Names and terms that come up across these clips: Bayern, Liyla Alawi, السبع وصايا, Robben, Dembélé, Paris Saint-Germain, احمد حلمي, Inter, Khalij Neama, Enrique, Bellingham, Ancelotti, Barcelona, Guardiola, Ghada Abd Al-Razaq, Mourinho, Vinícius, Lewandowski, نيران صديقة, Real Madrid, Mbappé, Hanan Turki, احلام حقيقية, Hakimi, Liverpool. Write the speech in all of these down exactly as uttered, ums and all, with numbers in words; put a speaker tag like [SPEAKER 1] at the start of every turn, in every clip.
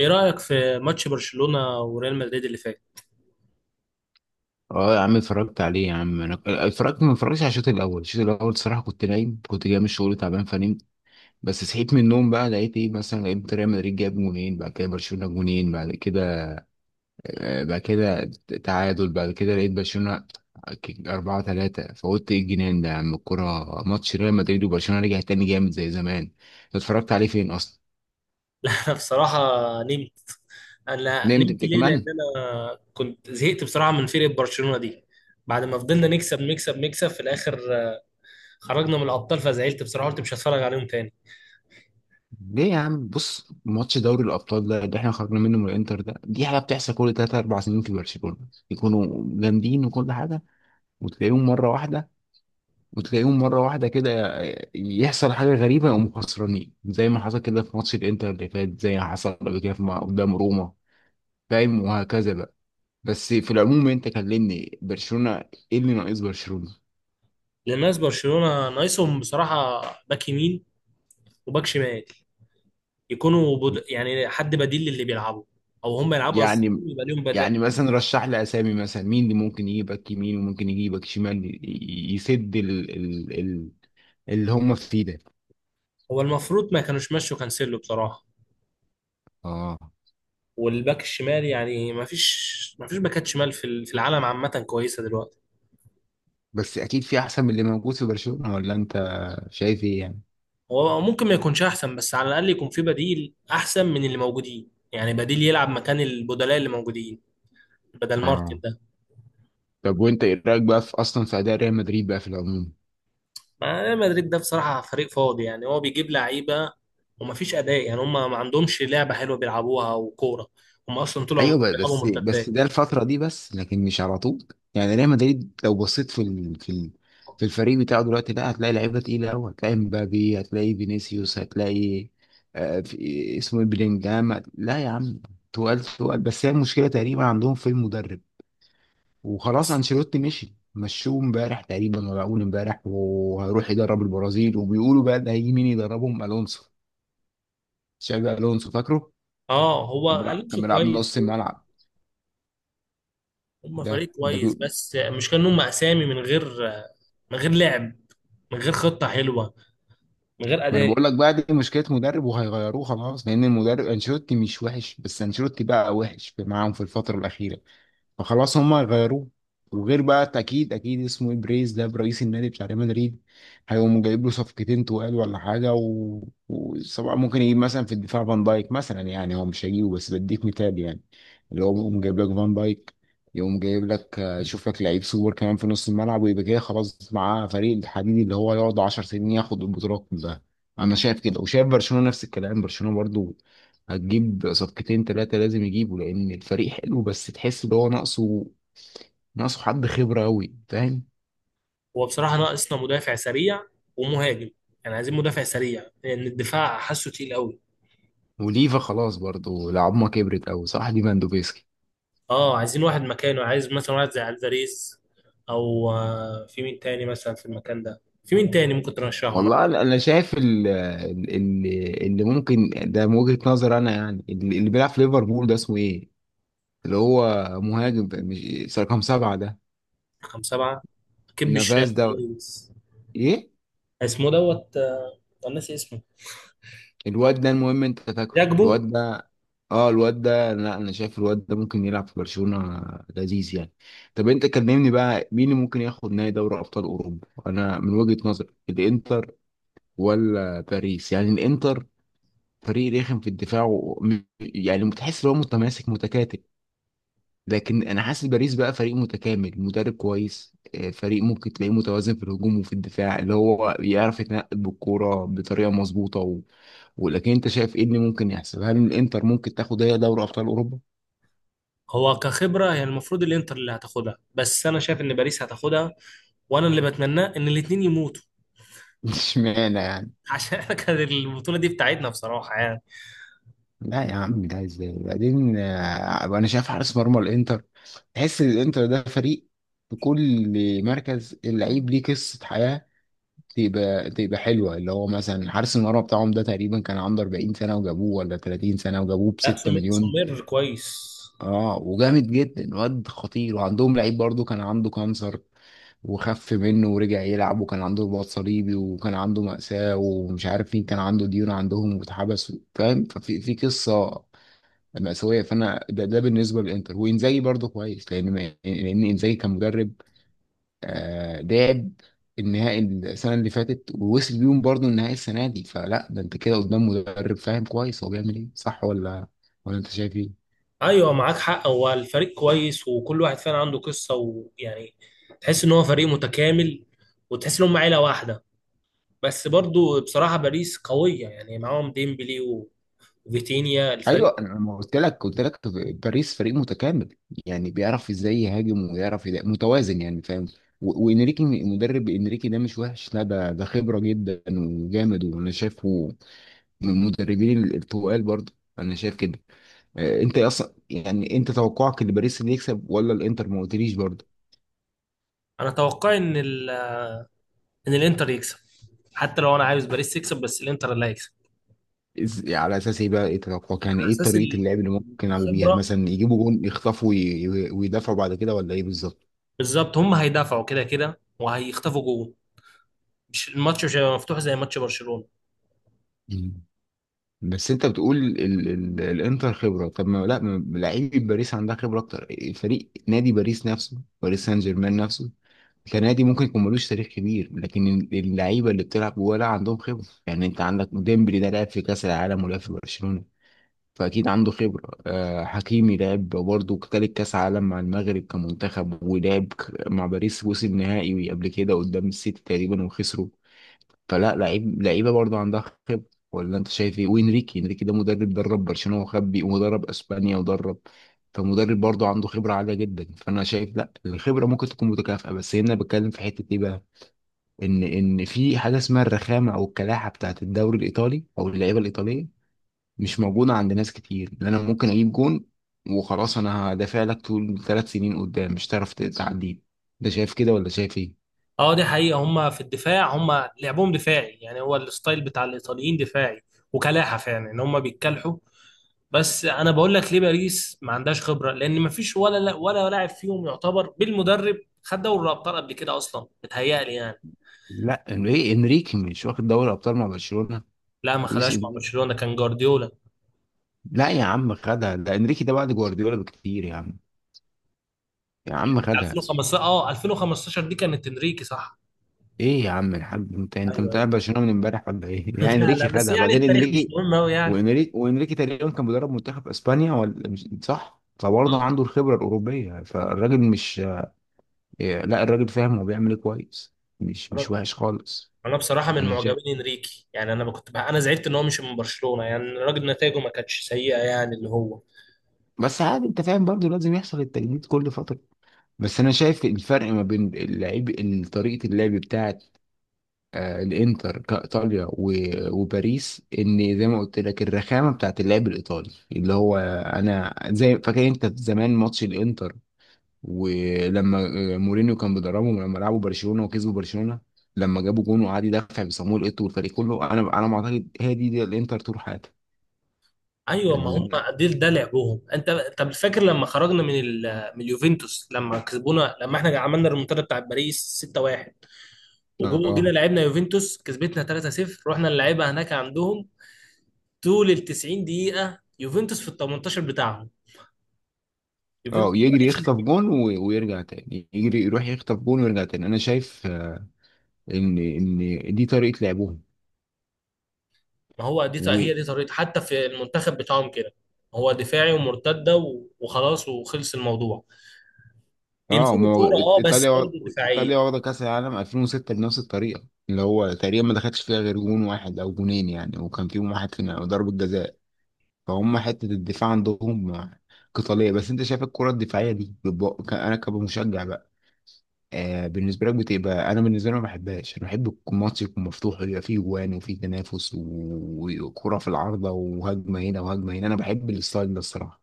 [SPEAKER 1] ايه رأيك في ماتش برشلونة وريال مدريد اللي فات؟
[SPEAKER 2] اه يا عم اتفرجت عليه يا عم انا اتفرجت ما اتفرجتش على الشوط الاول الشوط الاول الصراحه كنت نايم، كنت جاي من الشغل تعبان فنمت. بس صحيت من النوم بقى لقيت ايه، مثلا لقيت ريال مدريد جاب جونين بعد كده برشلونه جونين بعد كده، آه، بعد كده تعادل، بعد كده لقيت برشلونه أربعة تلاتة. فقلت ايه الجنان ده يا عم، الكورة ماتش ريال مدريد وبرشلونة رجع تاني جامد زي زمان. أنت اتفرجت عليه فين أصلا؟
[SPEAKER 1] انا بصراحة نمت. انا
[SPEAKER 2] نمت
[SPEAKER 1] نمت
[SPEAKER 2] أنت
[SPEAKER 1] ليه؟ لان
[SPEAKER 2] كمان؟
[SPEAKER 1] انا كنت زهقت بصراحة من فرقة برشلونة دي. بعد ما فضلنا نكسب نكسب نكسب في الاخر آه، خرجنا من الابطال فزعلت بصراحة، قلت مش هتفرج عليهم تاني.
[SPEAKER 2] ليه يا عم؟ بص، ماتش دوري الابطال ده اللي احنا خرجنا منه من الانتر ده، دي حاجه بتحصل كل تلات اربع سنين في برشلونه، يكونوا جامدين وكل حاجه، وتلاقيهم مره واحده وتلاقيهم مره واحده كده يحصل حاجه غريبه يقوموا خسرانين زي ما حصل كده في ماتش الانتر اللي فات، زي ما حصل قبل كده في- قدام روما، فاهم؟ وهكذا بقى. بس في العموم، انت كلمني برشلونه، ايه اللي ناقص برشلونه؟
[SPEAKER 1] لأن ناس برشلونة ناقصهم بصراحة باك يمين وباك شمال، يكونوا بد... يعني حد بديل للي بيلعبوا، او هم يلعبوا اصلا
[SPEAKER 2] يعني
[SPEAKER 1] يبقى ليهم بدأ.
[SPEAKER 2] يعني مثلا رشح لي اسامي، مثلا مين اللي ممكن يجيبك يمين وممكن يجيبك شمال، ي- ي- يسد ال ال ال اللي هم فيه ده.
[SPEAKER 1] هو المفروض ما كانوش مشوا كانسيلو بصراحة.
[SPEAKER 2] اه.
[SPEAKER 1] والباك الشمال يعني ما فيش ما فيش باكات شمال في ال- في العالم عامة كويسة دلوقتي.
[SPEAKER 2] بس اكيد في احسن من اللي موجود في برشلونة، ولا انت شايف ايه يعني؟
[SPEAKER 1] هو ممكن ما يكونش احسن، بس على الاقل يكون في بديل احسن من اللي موجودين، يعني بديل يلعب مكان البدلاء اللي موجودين بدل مارتن
[SPEAKER 2] اه.
[SPEAKER 1] ده.
[SPEAKER 2] طب وانت ايه رايك بقى في اصلا في اداء ريال مدريد بقى في العموم؟
[SPEAKER 1] ما ريال مدريد ده بصراحة فريق فاضي، يعني هو بيجيب لعيبة وما فيش اداء، يعني هم ما عندهمش لعبة حلوة بيلعبوها وكورة. هم اصلا طول عمرهم
[SPEAKER 2] ايوه، ب- بس
[SPEAKER 1] بيلعبوا
[SPEAKER 2] بس
[SPEAKER 1] مرتدات.
[SPEAKER 2] ده الفتره دي بس، لكن مش على طول. يعني ريال مدريد لو بصيت في ال... في ال... في الفريق بتاعه دلوقتي، لا هتلاقي لعيبه تقيله قوي، هتلاقي مبابي هتلاقي فينيسيوس هتلاقي آه في اسمه إيه، بلينجهام. لا يا عم تقال تقال، بس هي المشكله تقريبا عندهم في المدرب، وخلاص
[SPEAKER 1] بس
[SPEAKER 2] انشيلوتي مشي مشوه امبارح تقريبا ولا اول امبارح، وهيروح يدرب البرازيل، وبيقولوا بقى ده هيجي مين يدربهم؟ الونسو، شابي الونسو فاكره؟
[SPEAKER 1] اه
[SPEAKER 2] كان
[SPEAKER 1] هو
[SPEAKER 2] بيلعب كان
[SPEAKER 1] الونسو
[SPEAKER 2] بيلعب
[SPEAKER 1] كويس.
[SPEAKER 2] نص الملعب.
[SPEAKER 1] هم
[SPEAKER 2] ده
[SPEAKER 1] فريق
[SPEAKER 2] ده
[SPEAKER 1] كويس، بس مش كأنهم اسامي من غير، من غير لعب، من غير خطة حلوة، من غير
[SPEAKER 2] ما انا
[SPEAKER 1] أداء.
[SPEAKER 2] بقول لك بقى، دي مشكله مدرب وهيغيروه خلاص، لان المدرب انشيلوتي مش وحش، بس انشيلوتي بقى وحش في معاهم في الفتره الاخيره، فخلاص هما غيروه. وغير بقى، اكيد اكيد اسمه ايه، بريز ده برئيس النادي بتاع ريال مدريد، هيقوم جايب له صفقتين تقال ولا حاجه و... وسواء ممكن يجيب مثلا في الدفاع فان دايك مثلا، يعني هو مش هيجيبه بس بديك مثال يعني، اللي هو يقوم جايب لك فان دايك، يقوم جايب لك آه، يشوف لك لعيب سوبر كمان في نص الملعب، ويبقى كده خلاص معاه فريق الحديد اللي هو يقعد 10 سنين ياخد البطولات كلها. انا شايف كده، وشايف برشلونه نفس الكلام، برشلونه برضو هتجيب صفقتين ثلاثة، لازم يجيبوا لأن الفريق حلو بس تحس إن هو ناقصه، ناقصه حد خبرة أوي فاهم.
[SPEAKER 1] هو بصراحة ناقصنا مدافع سريع ومهاجم، يعني عايزين مدافع سريع لأن الدفاع حاسه تقيل قوي.
[SPEAKER 2] وليفا خلاص برضه العظمة كبرت أوي صح، ليفاندوفسكي.
[SPEAKER 1] اه عايزين واحد مكانه، عايز مثلا واحد زي الفاريز، أو آه، في مين تاني مثلا في المكان ده؟ في مين تاني ممكن ترشحه أنا؟
[SPEAKER 2] والله أنا أنا شايف ال- ال- ال- اللي ممكن ده من وجهة نظر أنا يعني، اللي اللي بيلعب في ليفربول ده اسمه إيه؟ اللي هو مهاجم، مش رقم سبعة ده
[SPEAKER 1] رقم سبعة، كب
[SPEAKER 2] نافاز
[SPEAKER 1] الشاحن.
[SPEAKER 2] ده؟ إيه؟
[SPEAKER 1] اسمه دوت آه، أنا ناسي اسمه.
[SPEAKER 2] الواد ده، المهم انت فاكره
[SPEAKER 1] جاكبو.
[SPEAKER 2] الواد ده. اه الواد ده، لا انا شايف الواد ده ممكن يلعب في برشلونة، لذيذ يعني. طب انت كلمني بقى، مين اللي ممكن ياخد نهائي دوري ابطال اوروبا؟ انا من وجهة نظري الانتر ولا باريس، يعني الانتر فريق رخم في الدفاع و... م- يعني متحس ان هو متماسك متكاتل، لكن انا حاسس باريس بقى فريق متكامل، مدرب كويس، آه، فريق ممكن تلاقيه متوازن في الهجوم وفي الدفاع، اللي هو يعرف يتنقل بالكوره بطريقه مظبوطه. ولكن انت شايف ايه اللي ممكن يحصل؟ هل الانتر ممكن تاخد هي دوري ابطال اوروبا؟
[SPEAKER 1] هو كخبرة هي المفروض الانتر اللي هتاخدها، بس انا شايف ان باريس هتاخدها. وانا اللي بتمناه ان الاتنين يموتوا.
[SPEAKER 2] اشمعنى يعني؟
[SPEAKER 1] عشان احنا كانت البطولة دي بتاعتنا بصراحة يعني.
[SPEAKER 2] لا يا عم، ده ازاي؟ بعدين آه، انا شايف حارس مرمى الانتر، تحس ان الانتر ده فريق في كل مركز اللعيب ليه قصة حياة، تبقى تبقى حلوة، اللي هو مثلا حارس المرمى بتاعهم ده تقريبا كان عنده 40 سنة وجابوه، ولا 30 سنة وجابوه ب
[SPEAKER 1] لا
[SPEAKER 2] 6
[SPEAKER 1] سمير،
[SPEAKER 2] مليون.
[SPEAKER 1] سمير كويس.
[SPEAKER 2] اه. وجامد جدا، واد خطير، وعندهم لعيب برضو كان عنده كانسر وخف منه ورجع يلعب، وكان عنده رباط صليبي، وكان عنده مأساة، ومش عارف مين كان عنده ديون عندهم واتحبس فاهم، ففي في قصة مأساوية. فأنا ده, ده بالنسبة للإنتر. وإنزاجي برضو كويس، لأن ما- لأن إنزاجي كان مدرب، آه لعب النهائي السنة اللي فاتت، ووصل بيهم برضو النهائي السنة دي، فلا ده أنت كده قدام مدرب فاهم كويس هو بيعمل إيه، صح ولا ولا أنت شايف إيه؟
[SPEAKER 1] ايوه معاك حق، هو الفريق كويس وكل واحد فعلا عنده قصه، ويعني تحس ان هو فريق متكامل وتحس ان هم عيله واحده. بس برضو بصراحه باريس قويه، يعني معاهم ديمبلي و- وفيتينيا الفريق.
[SPEAKER 2] ايوه، انا ما قلت لك، قلت لك باريس فريق متكامل يعني بيعرف ازاي يهاجم ويعرف يدا- متوازن يعني فاهم، و- وانريكي مدرب، انريكي ده مش وحش، لا ده ده خبره جدا وجامد، وانا شايفه من المدربين ال- التقال برضه. انا شايف كده. آه، انت اصلا يعني انت توقعك ان باريس اللي يكسب ولا الانتر؟ ما قلتليش برضه.
[SPEAKER 1] انا اتوقع ان ال... ان الانتر يكسب. حتى لو انا عاوز باريس تكسب، بس الانتر اللي هيكسب.
[SPEAKER 2] إز- على اساس ايه بقى؟ ايه توقعك يعني؟
[SPEAKER 1] على
[SPEAKER 2] ايه
[SPEAKER 1] اساس
[SPEAKER 2] طريقه
[SPEAKER 1] ال-
[SPEAKER 2] اللعب اللي ممكن يلعبوا بيها؟
[SPEAKER 1] الخبره.
[SPEAKER 2] مثلا يجيبوا جون يخطفوا وي- وي- ويدافعوا بعد كده ولا ايه بالظبط؟
[SPEAKER 1] بالظبط هم هيدافعوا كده كده وهيخطفوا جول. مش الماتش مش هيبقى مفتوح زي ماتش برشلونه.
[SPEAKER 2] بس انت بتقول ال ال الانتر خبره؟ طب ما لا ما- لعيبه باريس عندها خبره اكتر. فريق نادي باريس نفسه، باريس سان جيرمان نفسه كنادي ممكن يكون ملوش تاريخ كبير، لكن ال- اللعيبه اللي بتلعب جوه لا عندهم خبره. يعني انت عندك ديمبلي ده لعب في كاس العالم ولعب في برشلونه فاكيد عنده خبره. آه حكيمي لعب برضه تالت كاس عالم مع المغرب كمنتخب ولعب ك- مع باريس، وصل نهائي قبل كده قدام السيتي تقريبا وخسروا. فلا لعيب، لعيبه برضه عندها خبره، ولا انت شايف ايه؟ وانريكي، انريكي ده مدرب درب برشلونه وخبي، ومدرب اسبانيا ودرب. فمدرب برضه عنده خبره عاليه جدا، فانا شايف لا الخبره ممكن تكون متكافئه، بس هنا بتكلم في حته ايه بقى، ان ان في حاجه اسمها الرخامه او الكلاحه بتاعت الدوري الايطالي او اللعيبه الايطاليه مش موجوده عند ناس كتير، لان انا ممكن اجيب جون وخلاص، انا هدافع لك طول ثلاث سنين قدام مش هتعرف تعديه. ده شايف كده ولا شايف ايه؟
[SPEAKER 1] اه دي حقيقة، هم في الدفاع هم لعبهم دفاعي، يعني هو الستايل بتاع الإيطاليين دفاعي. وكلاحة فعلا ان هم بيتكلحوا. بس انا بقول لك ليه باريس ما عندهاش خبرة، لان ما فيش ولا ولا لاعب فيهم يعتبر بالمدرب. خد دوري الابطال قبل كده اصلا بتهيألي يعني.
[SPEAKER 2] لا انريكي، انريكي مش واخد دوري ابطال مع برشلونه؟
[SPEAKER 1] لا ما
[SPEAKER 2] لويس
[SPEAKER 1] خدهاش مع
[SPEAKER 2] انريكي.
[SPEAKER 1] برشلونة، كان جوارديولا
[SPEAKER 2] لا يا عم خدها، ده انريكي ده بعد جوارديولا بكتير يا عم، يا عم
[SPEAKER 1] بتاع
[SPEAKER 2] خدها.
[SPEAKER 1] ألفين وخمستاشر. اه ألفين وخمستاشر دي كانت انريكي، صح.
[SPEAKER 2] ايه يا عم الحاج؟ انت انت
[SPEAKER 1] ايوه،
[SPEAKER 2] متابع
[SPEAKER 1] ايوه.
[SPEAKER 2] برشلونه من امبارح ولا ايه؟ يا
[SPEAKER 1] لا، لا،
[SPEAKER 2] انريكي
[SPEAKER 1] بس
[SPEAKER 2] خدها
[SPEAKER 1] يعني
[SPEAKER 2] بعدين
[SPEAKER 1] التاريخ مش
[SPEAKER 2] انريكي.
[SPEAKER 1] مهم قوي يعني.
[SPEAKER 2] وانريكي وانريكي تقريبا كان بيدرب منتخب اسبانيا ولا مش صح؟ فبرضه عنده الخبره الاوروبيه، فالراجل مش إيه، لا الراجل فاهم هو بيعمل ايه كويس، مش مش
[SPEAKER 1] آه.
[SPEAKER 2] وحش خالص.
[SPEAKER 1] انا بصراحه من
[SPEAKER 2] انا شايف
[SPEAKER 1] معجبين انريكي، يعني انا كنت بقى، انا زعلت ان هو مش من برشلونه، يعني الراجل نتائجه ما كانتش سيئه، يعني اللي هو.
[SPEAKER 2] بس عادي انت فاهم برضه لازم يحصل التجديد كل فتره، بس انا شايف الفرق ما بين اللعيب طريقه اللعب بتاعه، آه، الانتر كايطاليا و- وباريس، ان زي ما قلت لك الرخامه بتاعت اللعب الايطالي، اللي هو انا زي فاكر انت زمان ماتش الانتر ولما آه، مورينيو كان بيدربهم لما لعبوا برشلونه وكسبوا برشلونه، لما جابوا جون وقعد يدافع بصامويل ايتو والفريق كله، انا انا ما اعتقد هي دي, دي الانتر طول حياتها،
[SPEAKER 1] ايوه
[SPEAKER 2] يعني
[SPEAKER 1] ما
[SPEAKER 2] اللي
[SPEAKER 1] هم،
[SPEAKER 2] انا.
[SPEAKER 1] ده ده لعبهم انت. طب فاكر لما خرجنا من ال... من اليوفنتوس؟ لما كسبونا، لما احنا عملنا الريمونتادا بتاع باريس ستة واحد، وجينا
[SPEAKER 2] اه
[SPEAKER 1] لعبنا يوفنتوس كسبتنا ثلاثة صفر، رحنا نلعبها هناك عندهم. طول ال تسعين دقيقه يوفنتوس في ال ثمانية عشر بتاعهم،
[SPEAKER 2] اه
[SPEAKER 1] يوفنتوس ما
[SPEAKER 2] يجري
[SPEAKER 1] راحتش.
[SPEAKER 2] يخطف جون و- ويرجع تاني يجري يروح يخطف جون ويرجع تاني، انا شايف آه، ان ان دي طريقه لعبهم.
[SPEAKER 1] ما هو دي هي دي طريقته حتى في المنتخب بتاعهم كده. هو دفاعي ومرتده و- وخلاص، وخلص الموضوع.
[SPEAKER 2] اه
[SPEAKER 1] بيمسكوا
[SPEAKER 2] ما هو
[SPEAKER 1] الكوره اه، بس
[SPEAKER 2] ايطاليا وا-
[SPEAKER 1] برضه دفاعيه.
[SPEAKER 2] ايطاليا واخده كاس العالم الفين وستة بنفس الطريقه، اللي هو تقريبا ما دخلش فيها غير جون واحد او جونين يعني، وكان فيهم واحد في ضربه جزاء، فهم حته الدفاع عندهم قتاليه. بس انت شايف الكره الدفاعيه دي بتبقى- ك- انا كمشجع بقى آه بالنسبه لك بتبقى، انا بالنسبه لي ما بحبهاش، انا بحب يكون الماتش يكون مفتوح ويبقى فيه جوان وفيه تنافس و- وكره في العارضه وهجمه هنا وهجمه هنا، انا بحب الستايل ده الصراحه.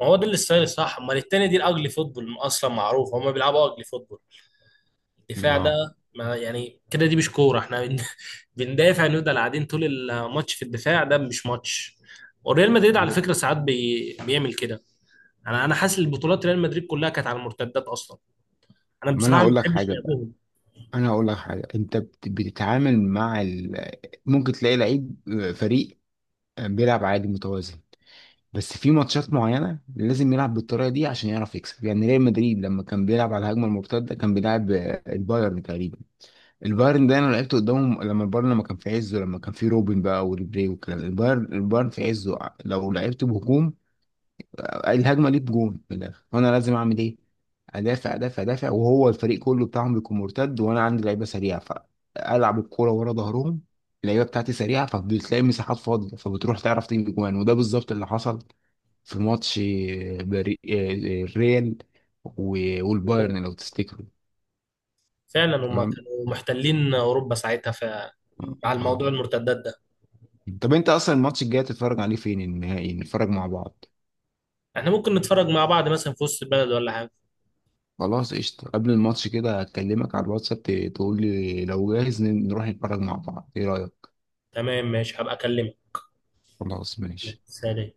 [SPEAKER 1] ما هو ده الستايل الصح، امال التاني دي الاجلي فوتبول، اصلا معروف هم بيلعبوا اجلي فوتبول. الدفاع
[SPEAKER 2] اه
[SPEAKER 1] ده ما يعني كده دي مش كوره، احنا بن- بندافع، نفضل قاعدين طول الماتش في الدفاع، ده مش ماتش. وريال مدريد على فكره ساعات بي... بيعمل كده. انا انا حاسس البطولات ريال مدريد كلها كانت على المرتدات اصلا. انا
[SPEAKER 2] ما انا
[SPEAKER 1] بصراحه ما
[SPEAKER 2] هقول لك
[SPEAKER 1] بحبش
[SPEAKER 2] حاجه،
[SPEAKER 1] لعبهم.
[SPEAKER 2] انا اقول لك حاجه، انت بت- بتتعامل مع ال... ممكن تلاقي لعيب آه، فريق آه، بيلعب عادي متوازن، بس في ماتشات معينه لازم يلعب بالطريقه دي عشان يعرف يكسب، يعني ريال مدريد لما كان بيلعب على الهجمه المرتده كان بيلعب آه، البايرن تقريبا. البايرن ده انا لعبت قدامهم لما البايرن لما كان في عزه لما كان في روبن بقى وريبري والكلام ده. البايرن البايرن في عزه لو لعبت بهجوم الهجمه ليك جون من الاخر، وانا لازم اعمل ايه؟ ادافع ادافع ادافع، وهو الفريق كله بتاعهم بيكون مرتد، وانا عندي لعيبه سريعه فالعب الكوره ورا ظهرهم، اللعيبه بتاعتي سريعه فبتلاقي مساحات فاضيه فبتروح تعرف تجيب جوان، وده بالظبط اللي حصل في ماتش بري... الريال و- والبايرن لو تفتكروا.
[SPEAKER 1] فعلا هم
[SPEAKER 2] تمام.
[SPEAKER 1] كانوا محتلين اوروبا ساعتها ف
[SPEAKER 2] آه.
[SPEAKER 1] على الموضوع
[SPEAKER 2] آه.
[SPEAKER 1] المرتدات ده.
[SPEAKER 2] طب انت اصلا الماتش الجاي هتتفرج عليه فين؟ النهائي نتفرج مع بعض؟
[SPEAKER 1] احنا ممكن نتفرج مع بعض مثلا في وسط البلد ولا حاجه.
[SPEAKER 2] خلاص قشطة، قبل الماتش كده هكلمك على الواتساب، ت- تقول لي لو جاهز ن- نروح نتفرج مع بعض، ايه رأيك؟
[SPEAKER 1] تمام، ماشي، هبقى اكلمك.
[SPEAKER 2] خلاص ماشي.
[SPEAKER 1] سلام.